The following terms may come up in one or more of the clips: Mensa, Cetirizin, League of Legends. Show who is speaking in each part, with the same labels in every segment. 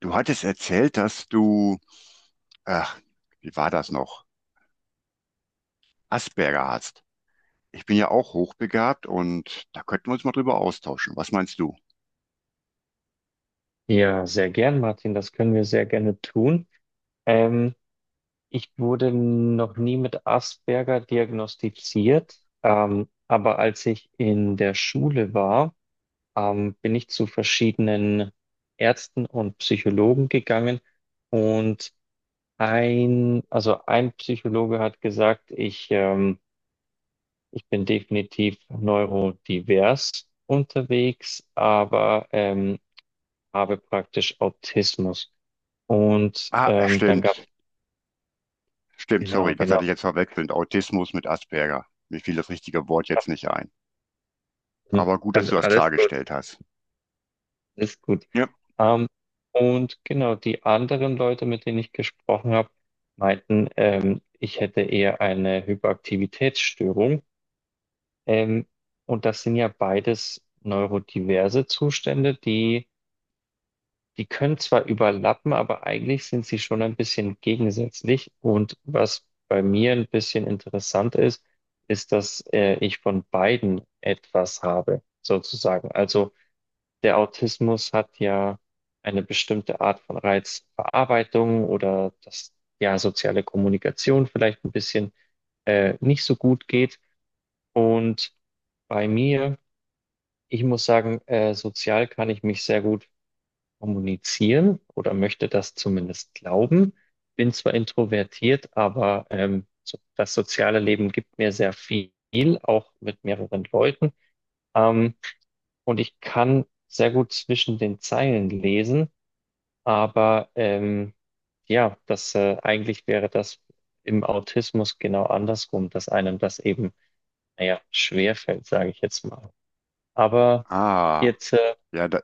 Speaker 1: Du hattest erzählt, dass du, ach, wie war das noch? Asperger hast. Ich bin ja auch hochbegabt und da könnten wir uns mal drüber austauschen. Was meinst du?
Speaker 2: Ja, sehr gern, Martin. Das können wir sehr gerne tun. Ähm, ich wurde noch nie mit Asperger diagnostiziert, aber als ich in der Schule war, bin ich zu verschiedenen Ärzten und Psychologen gegangen, und also ein Psychologe hat gesagt, ich bin definitiv neurodivers unterwegs, aber habe praktisch Autismus. Und
Speaker 1: Ah,
Speaker 2: ähm, dann
Speaker 1: stimmt.
Speaker 2: gab's,
Speaker 1: Stimmt,
Speaker 2: genau,
Speaker 1: sorry, das hatte
Speaker 2: genau.
Speaker 1: ich jetzt verwechselt. Autismus mit Asperger. Mir fiel das richtige Wort jetzt
Speaker 2: Ach,
Speaker 1: nicht ein.
Speaker 2: hm,
Speaker 1: Aber gut, dass du das
Speaker 2: alles gut,
Speaker 1: klargestellt hast.
Speaker 2: alles gut.
Speaker 1: Ja.
Speaker 2: Ähm, und genau, die anderen Leute, mit denen ich gesprochen habe, meinten, ich hätte eher eine Hyperaktivitätsstörung. Ähm, und das sind ja beides neurodiverse Zustände. Die können zwar überlappen, aber eigentlich sind sie schon ein bisschen gegensätzlich. Und was bei mir ein bisschen interessant ist, ist, dass ich von beiden etwas habe, sozusagen. Also der Autismus hat ja eine bestimmte Art von Reizverarbeitung, oder dass ja soziale Kommunikation vielleicht ein bisschen nicht so gut geht. Und bei mir, ich muss sagen, sozial kann ich mich sehr gut kommunizieren oder möchte das zumindest glauben. Bin zwar introvertiert, aber so, das soziale Leben gibt mir sehr viel, auch mit mehreren Leuten. Ähm, und ich kann sehr gut zwischen den Zeilen lesen, aber ja, das eigentlich wäre das im Autismus genau andersrum, dass einem das eben, naja, schwerfällt, sage ich jetzt mal. Aber
Speaker 1: Ah,
Speaker 2: jetzt,
Speaker 1: ja, da,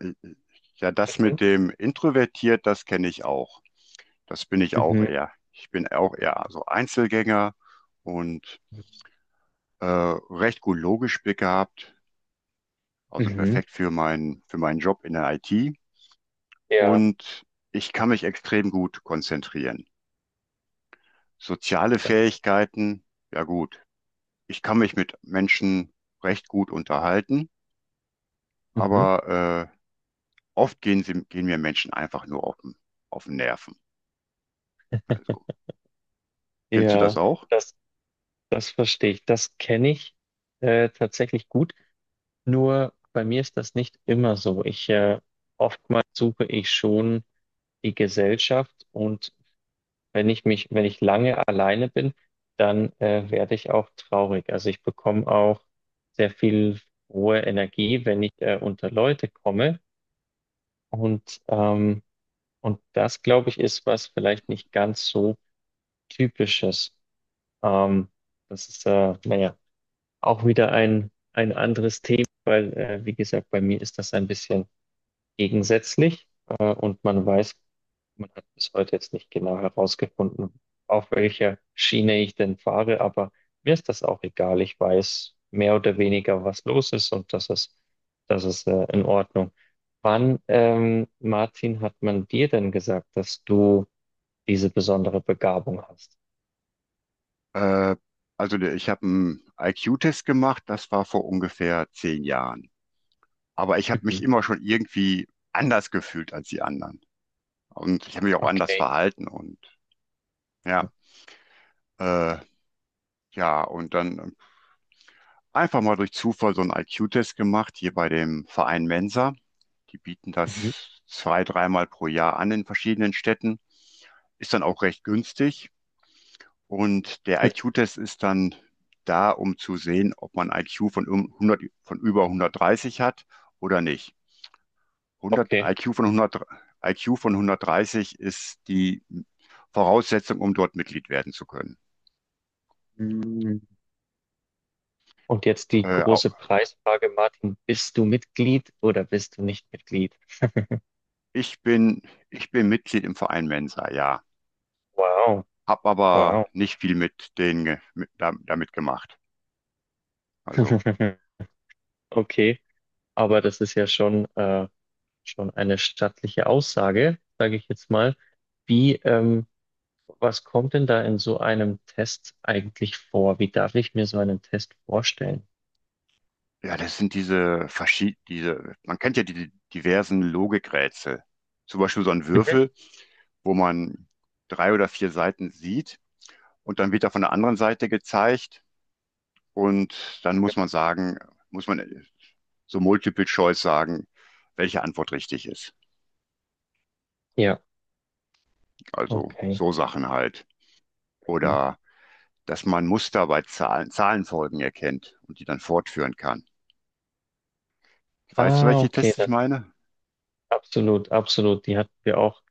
Speaker 1: ja, das
Speaker 2: mhm,
Speaker 1: mit dem introvertiert, das kenne ich auch. Das bin ich auch
Speaker 2: mhm,
Speaker 1: eher. Ich bin auch eher so Einzelgänger und
Speaker 2: mhm,
Speaker 1: recht gut logisch begabt, also
Speaker 2: mhm.
Speaker 1: perfekt für für meinen Job in der IT.
Speaker 2: Ja,
Speaker 1: Und ich kann mich extrem gut konzentrieren. Soziale
Speaker 2: das,
Speaker 1: Fähigkeiten, ja gut. Ich kann mich mit Menschen recht gut unterhalten,
Speaker 2: mhm.
Speaker 1: aber oft gehen mir Menschen einfach nur auf auf den Nerven. Also, kennst du das
Speaker 2: Ja,
Speaker 1: auch?
Speaker 2: das, das verstehe ich. Das kenne ich tatsächlich gut. Nur bei mir ist das nicht immer so. Ich Oftmals suche ich schon die Gesellschaft, und wenn ich lange alleine bin, dann werde ich auch traurig. Also ich bekomme auch sehr viel hohe Energie, wenn ich unter Leute komme. Und ähm, und das, glaube ich, ist was vielleicht nicht ganz so typisches. Ähm, das ist naja, auch wieder ein anderes Thema, weil, wie gesagt, bei mir ist das ein bisschen gegensätzlich, und man weiß, man hat bis heute jetzt nicht genau herausgefunden, auf welcher Schiene ich denn fahre, aber mir ist das auch egal. Ich weiß mehr oder weniger, was los ist, und das ist, in Ordnung. Wann, Martin, hat man dir denn gesagt, dass du diese besondere Begabung hast?
Speaker 1: Äh, also ich habe einen IQ-Test gemacht, das war vor ungefähr 10 Jahren. Aber ich habe
Speaker 2: Mhm.
Speaker 1: mich immer schon irgendwie anders gefühlt als die anderen. Und ich habe mich auch anders
Speaker 2: Okay.
Speaker 1: verhalten. Und ja.
Speaker 2: Ja.
Speaker 1: Äh, ja, und dann einfach mal durch Zufall so einen IQ-Test gemacht, hier bei dem Verein Mensa. Die bieten
Speaker 2: Mhm.
Speaker 1: das zwei, dreimal pro Jahr an in verschiedenen Städten. Ist dann auch recht günstig. Und der
Speaker 2: Mhm.
Speaker 1: IQ-Test ist dann da, um zu sehen, ob man IQ von, 100, von über 130 hat oder nicht. 100,
Speaker 2: Okay.
Speaker 1: IQ von 100, IQ von 130 ist die Voraussetzung, um dort Mitglied werden zu können.
Speaker 2: Und jetzt die
Speaker 1: Äh, au-
Speaker 2: große Preisfrage, Martin: Bist du Mitglied oder bist du nicht Mitglied?
Speaker 1: Ich bin, ich bin Mitglied im Verein Mensa, ja.
Speaker 2: Wow,
Speaker 1: Hab aber
Speaker 2: wow.
Speaker 1: nicht viel mit denen damit gemacht. Also,
Speaker 2: Okay, aber das ist ja schon, schon eine stattliche Aussage, sage ich jetzt mal. Wie, ähm, Was kommt denn da in so einem Test eigentlich vor? Wie darf ich mir so einen Test vorstellen?
Speaker 1: ja, das sind man kennt ja die diversen Logikrätsel. Zum Beispiel so ein
Speaker 2: Mhm.
Speaker 1: Würfel, wo man drei oder vier Seiten sieht und dann wird er von der anderen Seite gezeigt und dann muss man sagen, muss man so Multiple Choice sagen, welche Antwort richtig ist.
Speaker 2: Ja,
Speaker 1: Also
Speaker 2: okay.
Speaker 1: so Sachen halt.
Speaker 2: Mhm.
Speaker 1: Oder dass man Muster bei Zahlen, Zahlenfolgen erkennt und die dann fortführen kann. Weißt du,
Speaker 2: Ah,
Speaker 1: welche
Speaker 2: okay,
Speaker 1: Tests ich
Speaker 2: das
Speaker 1: meine?
Speaker 2: absolut, absolut. Die hatten wir auch.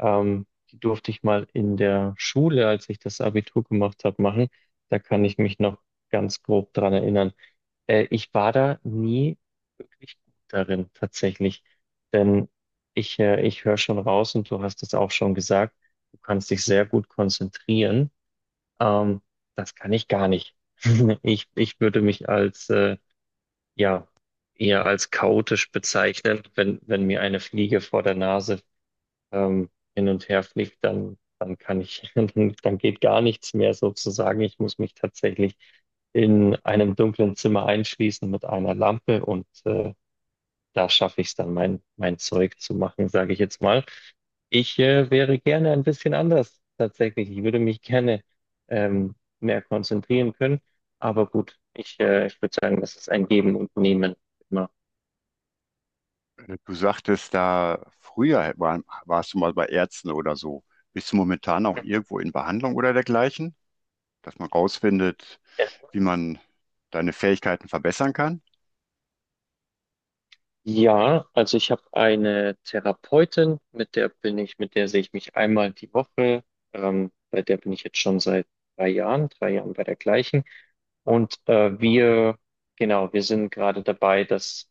Speaker 2: Ähm, Die durfte ich mal in der Schule, als ich das Abitur gemacht habe, machen. Da kann ich mich noch ganz grob dran erinnern. Ich war da nie wirklich gut darin, tatsächlich. Denn ich höre schon raus, und du hast es auch schon gesagt, du kannst dich sehr gut konzentrieren. Ähm, das kann ich gar nicht. Ich würde mich ja, eher als chaotisch bezeichnen, wenn, wenn mir eine Fliege vor der Nase hin und her fliegt, dann kann ich, dann geht gar nichts mehr sozusagen. Ich muss mich tatsächlich in einem dunklen Zimmer einschließen mit einer Lampe, und da schaffe ich es dann, mein Zeug zu machen, sage ich jetzt mal. Ich wäre gerne ein bisschen anders tatsächlich. Ich würde mich gerne mehr konzentrieren können. Aber gut, ich würde sagen, das ist ein Geben und Nehmen, immer.
Speaker 1: Du sagtest da, warst du mal bei Ärzten oder so. Bist du momentan auch irgendwo in Behandlung oder dergleichen, dass man rausfindet, wie man deine Fähigkeiten verbessern kann?
Speaker 2: Ja, also ich habe eine Therapeutin, mit der sehe ich mich einmal die Woche. Bei der bin ich jetzt schon seit 3 Jahren, 3 Jahren bei der gleichen. Und genau, wir sind gerade dabei, das,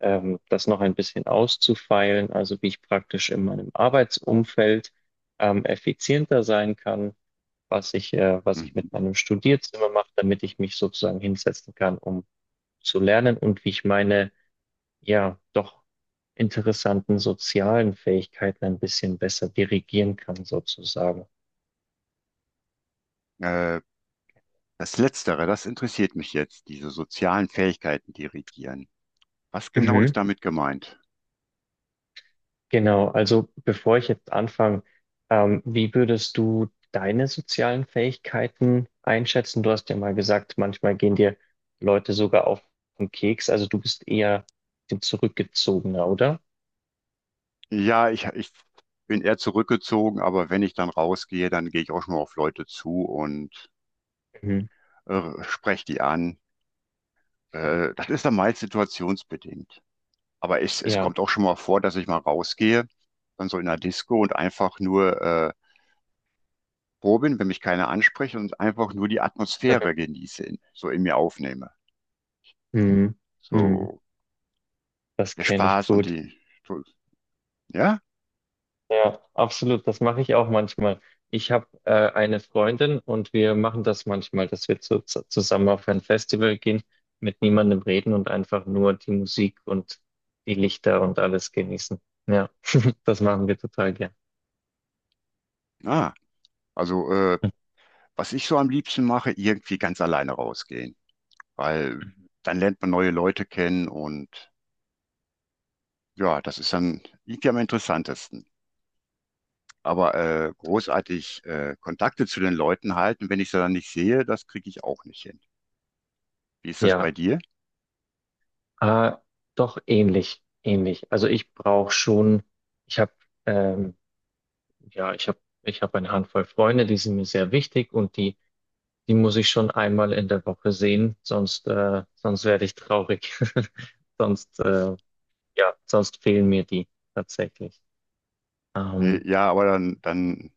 Speaker 2: ähm, das noch ein bisschen auszufeilen, also wie ich praktisch in meinem Arbeitsumfeld effizienter sein kann, was ich mit
Speaker 1: Mhm.
Speaker 2: meinem Studierzimmer mache, damit ich mich sozusagen hinsetzen kann, um zu lernen, und wie ich meine ja doch interessanten sozialen Fähigkeiten ein bisschen besser dirigieren kann, sozusagen.
Speaker 1: Äh, Das Letztere, das interessiert mich jetzt, diese sozialen Fähigkeiten dirigieren. Was genau
Speaker 2: Mhm.
Speaker 1: ist damit gemeint?
Speaker 2: Genau, also bevor ich jetzt anfange, wie würdest du deine sozialen Fähigkeiten einschätzen? Du hast ja mal gesagt, manchmal gehen dir Leute sogar auf den Keks, also du bist eher ein zurückgezogener, oder?
Speaker 1: Ja, ich bin eher zurückgezogen, aber wenn ich dann rausgehe, dann gehe ich auch schon mal auf Leute zu und
Speaker 2: Mhm.
Speaker 1: spreche die an.
Speaker 2: Klar.
Speaker 1: Das ist dann meist situationsbedingt. Aber es
Speaker 2: Ja.
Speaker 1: kommt auch schon mal vor, dass ich mal rausgehe, dann so in einer Disco und einfach nur froh bin, wenn mich keiner anspricht und einfach nur die
Speaker 2: Mhm.
Speaker 1: Atmosphäre genieße, so in mir aufnehme.
Speaker 2: Mhm. Mhm.
Speaker 1: So
Speaker 2: Das
Speaker 1: der
Speaker 2: kenne ich
Speaker 1: Spaß und
Speaker 2: gut.
Speaker 1: die, so, ja,
Speaker 2: Ja, absolut. Das mache ich auch manchmal. Ich habe eine Freundin, und wir machen das manchmal, dass wir zusammen auf ein Festival gehen, mit niemandem reden und einfach nur die Musik und die Lichter und alles genießen. Ja, das machen wir total gern.
Speaker 1: ah, also was ich so am liebsten mache, irgendwie ganz alleine rausgehen, weil dann lernt man neue Leute kennen und ja, das ist dann, liegt ja am interessantesten. Aber großartig Kontakte zu den Leuten halten, wenn ich sie dann nicht sehe, das kriege ich auch nicht hin. Wie ist das bei
Speaker 2: Ja,
Speaker 1: dir?
Speaker 2: äh, doch ähnlich, ähnlich. Also ich habe, ähm, ja, ich habe eine Handvoll Freunde, die sind mir sehr wichtig, und die muss ich schon einmal in der Woche sehen, sonst werde ich traurig. Sonst, äh, ja, sonst fehlen mir die tatsächlich. Ähm,
Speaker 1: Ja, aber dann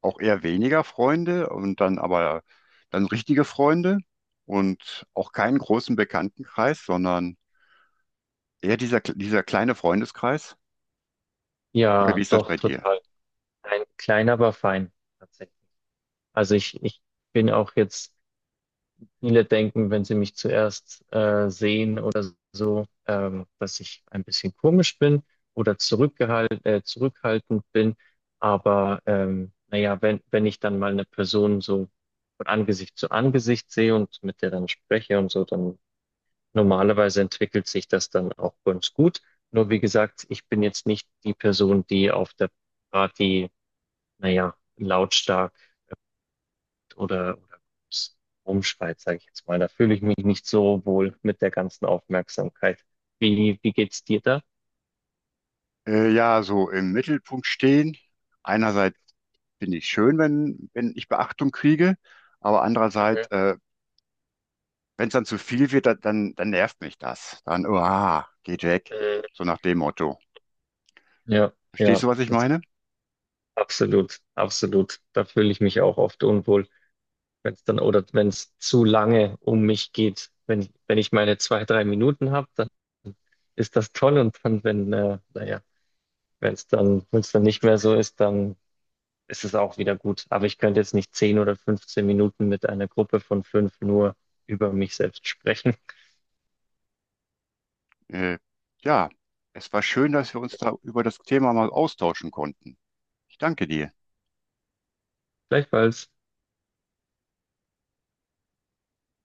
Speaker 1: auch eher weniger Freunde und dann aber dann richtige Freunde und auch keinen großen Bekanntenkreis, sondern eher dieser kleine Freundeskreis. Oder wie
Speaker 2: ja,
Speaker 1: ist das
Speaker 2: doch,
Speaker 1: bei dir?
Speaker 2: total. Ein klein, aber fein, tatsächlich. Also ich bin auch jetzt. Viele denken, wenn sie mich zuerst sehen oder so, dass ich ein bisschen komisch bin oder zurückhaltend bin. Aber naja, wenn ich dann mal eine Person so von Angesicht zu Angesicht sehe und mit der dann spreche und so, dann normalerweise entwickelt sich das dann auch ganz gut. Nur wie gesagt, ich bin jetzt nicht die Person, die auf der Party, naja, lautstark oder rumschreit, sage ich jetzt mal. Da fühle ich mich nicht so wohl mit der ganzen Aufmerksamkeit. Wie geht's dir da?
Speaker 1: Ja, so im Mittelpunkt stehen. Einerseits finde ich schön, wenn ich Beachtung kriege. Aber andererseits,
Speaker 2: Mhm.
Speaker 1: wenn es dann zu viel wird, dann nervt mich das. Dann, uah, geht weg.
Speaker 2: Äh,
Speaker 1: So nach dem Motto.
Speaker 2: Ja,
Speaker 1: Verstehst
Speaker 2: ja,
Speaker 1: du, was ich meine?
Speaker 2: absolut, absolut. Da fühle ich mich auch oft unwohl, wenn es dann oder wenn es zu lange um mich geht. Wenn ich meine 2, 3 Minuten habe, dann ist das toll, und dann, wenn, naja, wenn es dann nicht mehr so ist, dann ist es auch wieder gut. Aber ich könnte jetzt nicht 10 oder 15 Minuten mit einer Gruppe von fünf nur über mich selbst sprechen.
Speaker 1: Äh, ja, es war schön, dass wir uns da über das Thema mal austauschen konnten. Ich danke dir.
Speaker 2: Gleichfalls.